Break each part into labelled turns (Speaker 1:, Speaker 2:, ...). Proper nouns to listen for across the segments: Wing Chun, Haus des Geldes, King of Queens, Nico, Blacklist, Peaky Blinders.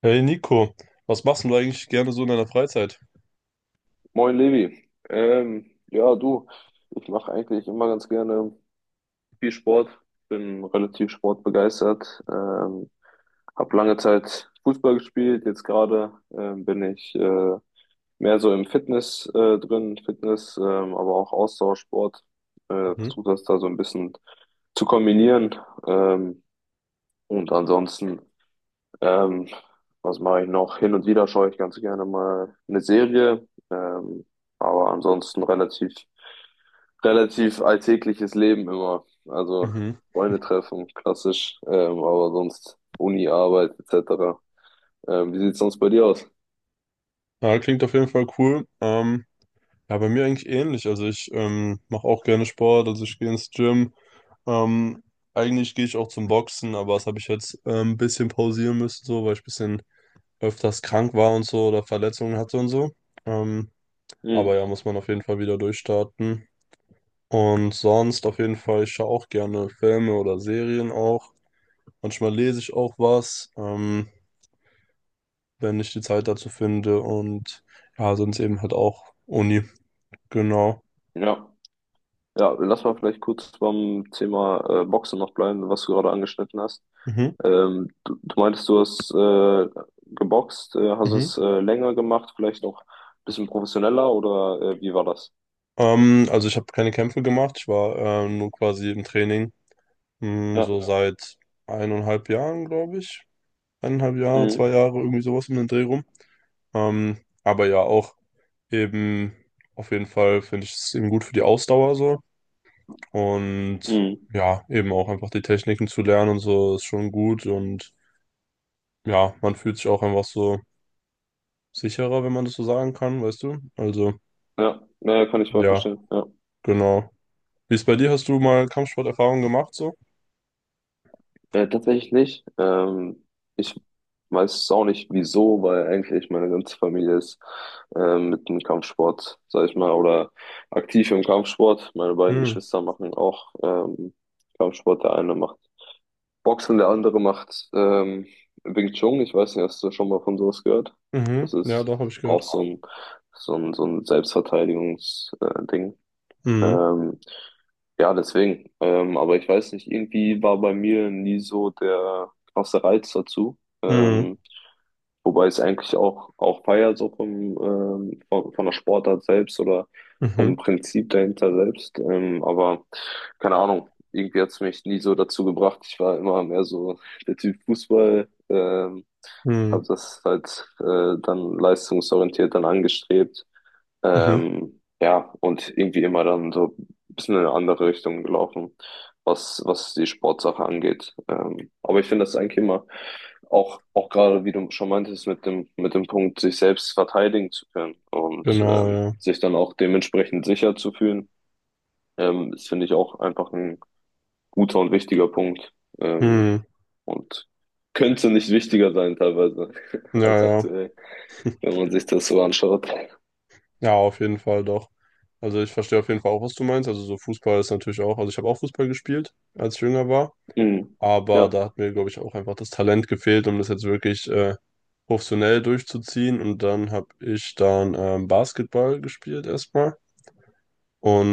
Speaker 1: Hey Nico, was machst denn du eigentlich gerne so in deiner Freizeit?
Speaker 2: Moin Levi. Ja, du, ich mache eigentlich immer ganz gerne viel Sport, bin relativ sportbegeistert, habe lange Zeit Fußball gespielt, jetzt gerade bin ich mehr so im Fitness drin, Fitness, aber auch Ausdauersport,
Speaker 1: Mhm.
Speaker 2: versuche das da so ein bisschen zu kombinieren ähm, und ansonsten ähm, was mache ich noch? Hin und wieder schaue ich ganz gerne mal eine Serie, aber ansonsten relativ alltägliches Leben immer. Also
Speaker 1: Mhm.
Speaker 2: Freunde treffen, klassisch, aber sonst Uni, Arbeit etc. Wie sieht's sonst bei dir aus?
Speaker 1: Ja, klingt auf jeden Fall cool. Ja, bei mir eigentlich ähnlich. Also ich mache auch gerne Sport, also ich gehe ins Gym. Ähm, eigentlich gehe ich auch zum Boxen, aber das habe ich jetzt ein bisschen pausieren müssen, so, weil ich ein bisschen öfters krank war und so oder Verletzungen hatte und so. Ähm, aber
Speaker 2: Hm,
Speaker 1: ja, muss man auf jeden Fall wieder durchstarten. Und sonst auf jeden Fall, ich schaue auch gerne Filme oder Serien auch. Manchmal lese ich auch was, wenn ich die Zeit dazu finde. Und ja, sonst eben halt auch Uni. Genau.
Speaker 2: ja. Ja, lass mal vielleicht kurz beim Thema Boxen noch bleiben, was du gerade angeschnitten hast.
Speaker 1: Mhm.
Speaker 2: Ähm, du meintest, du hast geboxt, hast
Speaker 1: Mhm.
Speaker 2: es länger gemacht, vielleicht noch ein bisschen professioneller oder wie war das?
Speaker 1: Also ich habe keine Kämpfe gemacht, ich war nur quasi im Training. Hm,
Speaker 2: Ja.
Speaker 1: so ja, seit 1,5 Jahren, glaube ich. 1,5 Jahre,
Speaker 2: Mhm.
Speaker 1: 2 Jahre, irgendwie sowas um den Dreh rum. Ähm, aber ja, auch eben, auf jeden Fall finde ich es eben gut für die Ausdauer so. Und
Speaker 2: Mhm.
Speaker 1: ja, eben auch einfach die Techniken zu lernen und so ist schon gut. Und ja, man fühlt sich auch einfach so sicherer, wenn man das so sagen kann, weißt du? Also,
Speaker 2: Ja, naja, kann ich voll
Speaker 1: ja,
Speaker 2: verstehen. Ja.
Speaker 1: genau. Wie ist bei dir? Hast du mal Kampfsporterfahrung gemacht so?
Speaker 2: Tatsächlich nicht. Ich weiß es auch nicht, wieso, weil eigentlich meine ganze Familie ist mit dem Kampfsport, sag ich mal, oder aktiv im Kampfsport. Meine beiden
Speaker 1: Hm.
Speaker 2: Geschwister machen auch Kampfsport. Der eine macht Boxen, der andere macht Wing Chun. Ich weiß nicht, hast du schon mal von sowas gehört?
Speaker 1: Mhm.
Speaker 2: Das
Speaker 1: Ja,
Speaker 2: ist
Speaker 1: doch, habe ich
Speaker 2: auch
Speaker 1: gehört.
Speaker 2: so ein, so ein, so ein Selbstverteidigungsding. Ding.
Speaker 1: Mhm.
Speaker 2: ähm, ja, deswegen. Aber ich weiß nicht, irgendwie war bei mir nie so der krasse Reiz dazu.
Speaker 1: Mhm.
Speaker 2: Ähm, Wobei es eigentlich auch, auch feier, so vom, von der Sportart selbst oder vom
Speaker 1: Mhm.
Speaker 2: Prinzip dahinter selbst. Aber keine Ahnung, irgendwie hat es mich nie so dazu gebracht. Ich war immer mehr so der Typ Fußball.
Speaker 1: Mhm.
Speaker 2: Habe das halt dann leistungsorientiert dann angestrebt.
Speaker 1: Mhm.
Speaker 2: Ja, und irgendwie immer dann so ein bisschen in eine andere Richtung gelaufen, was die Sportsache angeht. Aber ich finde das eigentlich immer auch, auch gerade, wie du schon meintest, mit dem Punkt, sich selbst verteidigen zu können und
Speaker 1: Genau, ja.
Speaker 2: sich dann auch dementsprechend sicher zu fühlen, das finde ich auch einfach ein guter und wichtiger Punkt. Ähm,
Speaker 1: Hm.
Speaker 2: und könnte nicht wichtiger sein teilweise
Speaker 1: Ja,
Speaker 2: als
Speaker 1: ja.
Speaker 2: aktuell wenn man sich das so anschaut.
Speaker 1: Ja, auf jeden Fall doch. Also ich verstehe auf jeden Fall auch, was du meinst. Also so Fußball ist natürlich auch, also ich habe auch Fußball gespielt, als ich jünger war,
Speaker 2: Mhm.
Speaker 1: aber
Speaker 2: Ja.
Speaker 1: da hat mir, glaube ich, auch einfach das Talent gefehlt, um das jetzt wirklich professionell durchzuziehen. Und dann habe ich dann Basketball gespielt erstmal.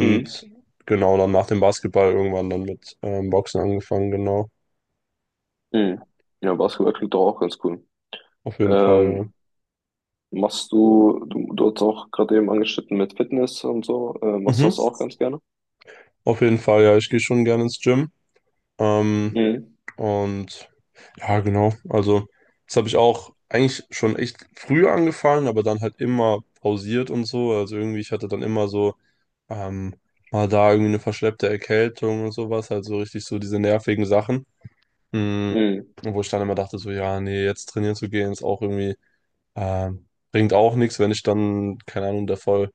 Speaker 2: Mhm.
Speaker 1: genau, dann nach dem Basketball irgendwann dann mit Boxen angefangen, genau.
Speaker 2: Mhm. Ja, Basketball klingt doch auch ganz cool.
Speaker 1: Auf jeden Fall,
Speaker 2: Ähm, du hast auch gerade eben angeschnitten mit Fitness und so,
Speaker 1: ja.
Speaker 2: machst du
Speaker 1: Mhm.
Speaker 2: das auch ganz gerne?
Speaker 1: Auf jeden Fall, ja, ich gehe schon gerne ins Gym. Ähm,
Speaker 2: Mhm.
Speaker 1: und ja, genau. Also, das habe ich auch eigentlich schon echt früh angefangen, aber dann halt immer pausiert und so. Also irgendwie, ich hatte dann immer so ähm, mal da irgendwie eine verschleppte Erkältung und sowas, halt so richtig so diese nervigen Sachen. Mm,
Speaker 2: Mhm.
Speaker 1: Wo ich dann immer dachte, so, ja, nee, jetzt trainieren zu gehen, ist auch irgendwie, ähm, bringt auch nichts, wenn ich dann, keine Ahnung, da voll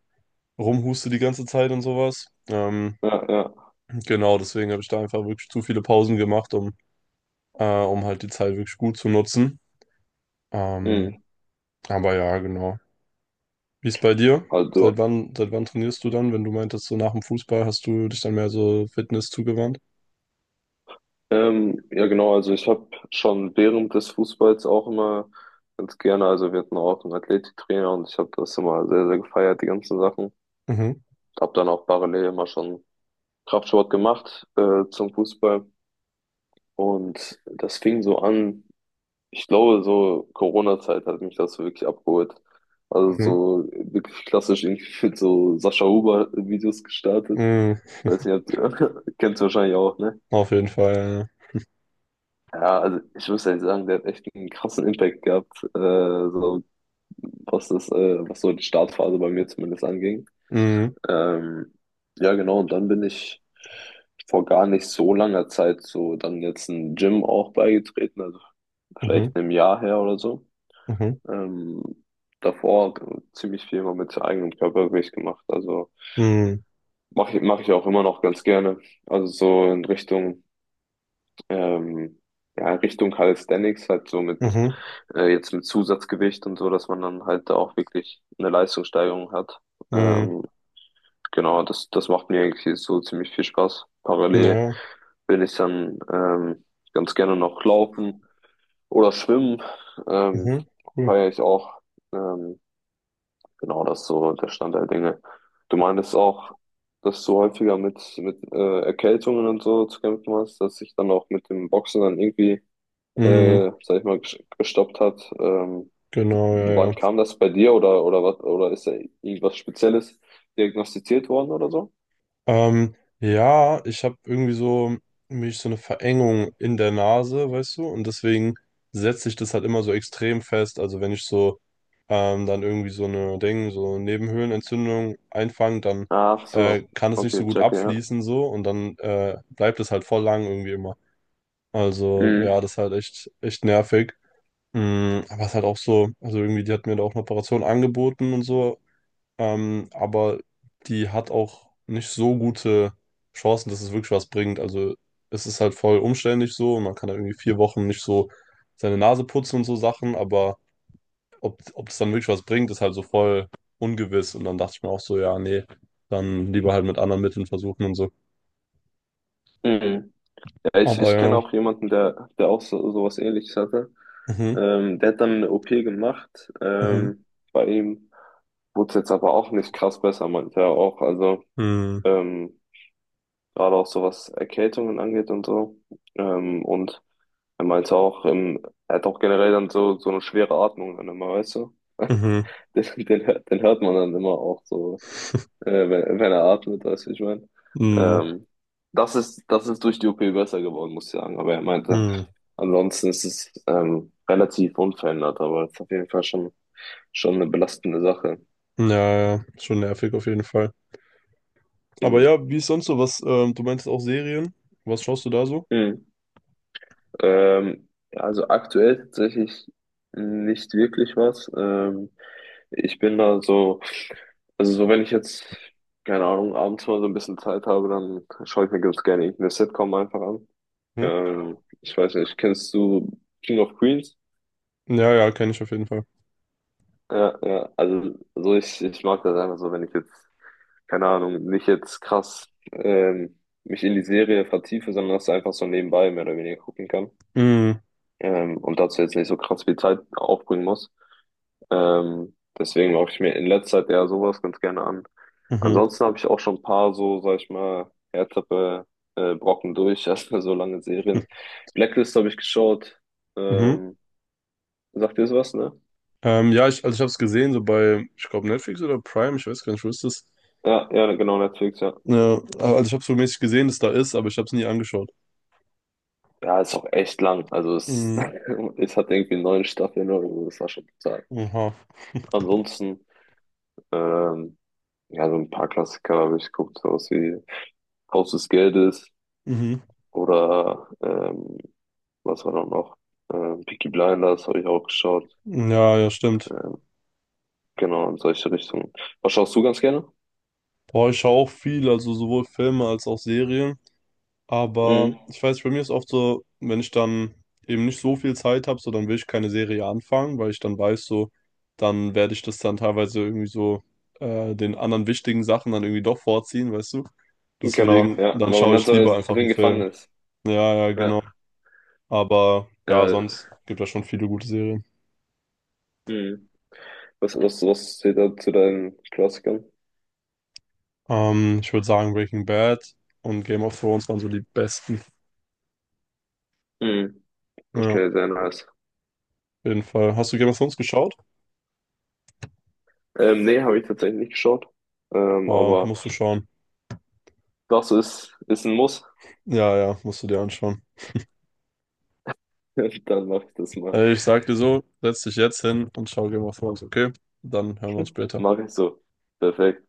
Speaker 1: rumhuste die ganze Zeit und sowas.
Speaker 2: Ja, ja.
Speaker 1: Genau, deswegen habe ich da einfach wirklich zu viele Pausen gemacht, um halt die Zeit wirklich gut zu nutzen. Ähm,
Speaker 2: Mhm.
Speaker 1: Aber ja, genau. Wie ist bei dir?
Speaker 2: Also,
Speaker 1: Seit wann trainierst du dann? Wenn du meintest, so nach dem Fußball hast du dich dann mehr so Fitness zugewandt?
Speaker 2: ja genau, also ich habe schon während des Fußballs auch immer ganz gerne, also wir hatten auch einen Athletiktrainer und ich habe das immer sehr gefeiert, die ganzen Sachen.
Speaker 1: Mhm,
Speaker 2: Habe dann auch parallel immer schon Kraftsport gemacht, zum Fußball. Und das fing so an, ich glaube, so Corona-Zeit hat mich das so wirklich abgeholt. Also
Speaker 1: mhm,
Speaker 2: so wirklich klassisch irgendwie mit so Sascha Huber-Videos gestartet.
Speaker 1: mhm.
Speaker 2: Weiß nicht, ob- kennst du wahrscheinlich auch, ne?
Speaker 1: Auf jeden Fall.
Speaker 2: Ja, also ich muss ehrlich sagen, der hat echt einen krassen Impact gehabt, so was das, was so die Startphase bei mir zumindest anging.
Speaker 1: ja. Mhm,
Speaker 2: Ähm, ja, genau, und dann bin ich vor gar nicht so langer Zeit so dann jetzt ein Gym auch beigetreten, also
Speaker 1: mhm,
Speaker 2: vielleicht einem Jahr her oder so.
Speaker 1: mhm,
Speaker 2: Ähm, Davor ziemlich viel mal mit eigenem Körpergewicht gemacht, also
Speaker 1: mhm,
Speaker 2: mache ich auch immer noch ganz gerne. Also so in Richtung, ähm, ja, Richtung Calisthenics, halt so mit,
Speaker 1: mhm,
Speaker 2: jetzt mit Zusatzgewicht und so, dass man dann halt da auch wirklich eine Leistungssteigerung hat.
Speaker 1: mhm.
Speaker 2: Ähm, Genau, das macht mir eigentlich so ziemlich viel Spaß. Parallel
Speaker 1: Ja,
Speaker 2: will ich dann ganz gerne noch laufen oder schwimmen. Ähm,
Speaker 1: mhm, cool.
Speaker 2: feiere ich auch. Ähm, genau, das ist so der Stand der Dinge. Du meintest auch, dass du häufiger mit, mit Erkältungen und so zu kämpfen hast, dass sich dann auch mit dem Boxen dann irgendwie,
Speaker 1: Mhm,
Speaker 2: sag ich mal, gestoppt hat.
Speaker 1: genau, ja,
Speaker 2: Wann
Speaker 1: ja.
Speaker 2: kam das bei dir oder was, oder ist da irgendwas Spezielles diagnostiziert worden oder so?
Speaker 1: Ja, ich habe irgendwie so mich so eine Verengung in der Nase, weißt du? Und deswegen setze ich das halt immer so extrem fest. Also wenn ich so dann irgendwie so eine Ding, so Nebenhöhlenentzündung einfangen, dann
Speaker 2: Ach so,
Speaker 1: kann es nicht so
Speaker 2: okay,
Speaker 1: gut
Speaker 2: checke, ja.
Speaker 1: abfließen so und dann bleibt es halt voll lang irgendwie immer. Also ja,
Speaker 2: Mhm.
Speaker 1: das ist halt echt, echt nervig. Aber es ist halt auch so, also irgendwie, die hat mir da auch eine Operation angeboten und so, aber die hat auch nicht so gute Chancen, dass es wirklich was bringt. Also es ist halt voll umständlich so und man kann da irgendwie 4 Wochen nicht so seine Nase putzen und so Sachen, aber ob das dann wirklich was bringt, ist halt so voll ungewiss. Und dann dachte ich mir auch so, ja, nee, dann lieber halt mit anderen Mitteln versuchen und so.
Speaker 2: Mhm. Ja,
Speaker 1: Ja.
Speaker 2: ich,
Speaker 1: Aber
Speaker 2: ich kenne
Speaker 1: ja.
Speaker 2: auch jemanden, der, der auch so, sowas Ähnliches hatte.
Speaker 1: Mhm.
Speaker 2: Der hat dann eine OP gemacht.
Speaker 1: Mhm.
Speaker 2: Bei ihm wurde es jetzt aber auch nicht krass besser, meinte er auch. Also
Speaker 1: Mhm.
Speaker 2: ähm, gerade auch so was Erkältungen angeht und so. Und er meinte auch, er hat auch generell dann so, so eine schwere Atmung dann immer, weißt du?
Speaker 1: Mhm.
Speaker 2: Den, den, den hört man dann immer auch so. Wenn er atmet, weißt du, wie ich meine.
Speaker 1: Mhm.
Speaker 2: Ähm, Das ist, das ist durch die OP besser geworden, muss ich sagen. Aber er meinte,
Speaker 1: Mhm.
Speaker 2: ansonsten ist es relativ unverändert, aber es ist auf jeden Fall schon, schon eine belastende Sache.
Speaker 1: Ja, ja, ja, schon nervig auf jeden Fall. Aber
Speaker 2: Mhm.
Speaker 1: ja, wie ist sonst so was? Du meinst auch Serien? Was schaust du da so?
Speaker 2: Mhm. Ja, also aktuell tatsächlich nicht wirklich was. Ich bin da so, also so wenn ich jetzt, keine Ahnung, abends mal so ein bisschen Zeit habe, dann schaue ich mir ganz gerne irgendeine Sitcom einfach an.
Speaker 1: Hm?
Speaker 2: Ich weiß nicht, kennst du King of Queens?
Speaker 1: Ja, ja, kenne ich auf jeden Fall.
Speaker 2: Ja, ja, also so ich mag das einfach so, wenn ich jetzt, keine Ahnung, nicht jetzt krass mich in die Serie vertiefe, sondern das einfach so nebenbei mehr oder weniger gucken kann.
Speaker 1: Mhm.
Speaker 2: Und dazu jetzt nicht so krass viel Zeit aufbringen muss. Deswegen mache ich mir in letzter Zeit eher sowas ganz gerne an.
Speaker 1: Mhm.
Speaker 2: Ansonsten habe ich auch schon ein paar so, sag ich mal, härtere Brocken durch, erstmal so lange
Speaker 1: Mhm.
Speaker 2: Serien. Blacklist habe ich geschaut.
Speaker 1: Mhm.
Speaker 2: Ähm, Sagt ihr das was, ne?
Speaker 1: Ja, also ich habe es gesehen, so bei, ich glaube, Netflix oder Prime, ich weiß gar nicht, wo ist das?
Speaker 2: Ja, ja, genau, Netflix, ja.
Speaker 1: Ja, also ich habe so mäßig gesehen, dass da ist, aber ich habe es nie angeschaut.
Speaker 2: Ja, ist auch echt lang. Also es,
Speaker 1: Mhm.
Speaker 2: es hat irgendwie 9 Staffeln oder so, das war schon total.
Speaker 1: Aha.
Speaker 2: Ansonsten, ähm, ja, so ein paar Klassiker habe ich geguckt, sowas wie Haus des Geldes
Speaker 1: Mhm.
Speaker 2: oder was war dann noch? Peaky Blinders habe ich auch geschaut.
Speaker 1: Ja, ja, stimmt.
Speaker 2: Ähm, genau, in solche Richtungen. Was schaust du ganz gerne?
Speaker 1: Boah, ich schaue auch viel, also sowohl Filme als auch Serien. Aber
Speaker 2: Mhm.
Speaker 1: ich weiß, bei mir ist oft so, wenn ich dann eben nicht so viel Zeit habe, so dann will ich keine Serie anfangen, weil ich dann weiß, so, dann werde ich das dann teilweise irgendwie so den anderen wichtigen Sachen dann irgendwie doch vorziehen, weißt du?
Speaker 2: Genau,
Speaker 1: Deswegen,
Speaker 2: ja,
Speaker 1: dann
Speaker 2: weil man
Speaker 1: schaue
Speaker 2: dann
Speaker 1: ich
Speaker 2: so
Speaker 1: lieber einfach
Speaker 2: drin
Speaker 1: einen Film.
Speaker 2: gefangen ist.
Speaker 1: Ja, ja,
Speaker 2: Ja,
Speaker 1: genau. Aber ja,
Speaker 2: ja.
Speaker 1: sonst gibt es schon viele gute Serien.
Speaker 2: Mhm. Was zählt da zu deinen Klassikern?
Speaker 1: Ich würde sagen, Breaking Bad und Game of Thrones waren so die besten.
Speaker 2: Mhm.
Speaker 1: Ja, auf
Speaker 2: Okay, sehr nice.
Speaker 1: jeden Fall. Hast du Game of Thrones geschaut?
Speaker 2: Nee, habe ich tatsächlich nicht geschaut.
Speaker 1: Boah,
Speaker 2: Aber
Speaker 1: musst du schauen.
Speaker 2: das ist, ist ein Muss.
Speaker 1: Ja, ja, musst du dir anschauen.
Speaker 2: Dann mache ich das mal.
Speaker 1: Also ich sag dir so, setz dich jetzt hin und schau Game of Thrones, okay? Dann hören wir uns später.
Speaker 2: Mache ich so. Perfekt.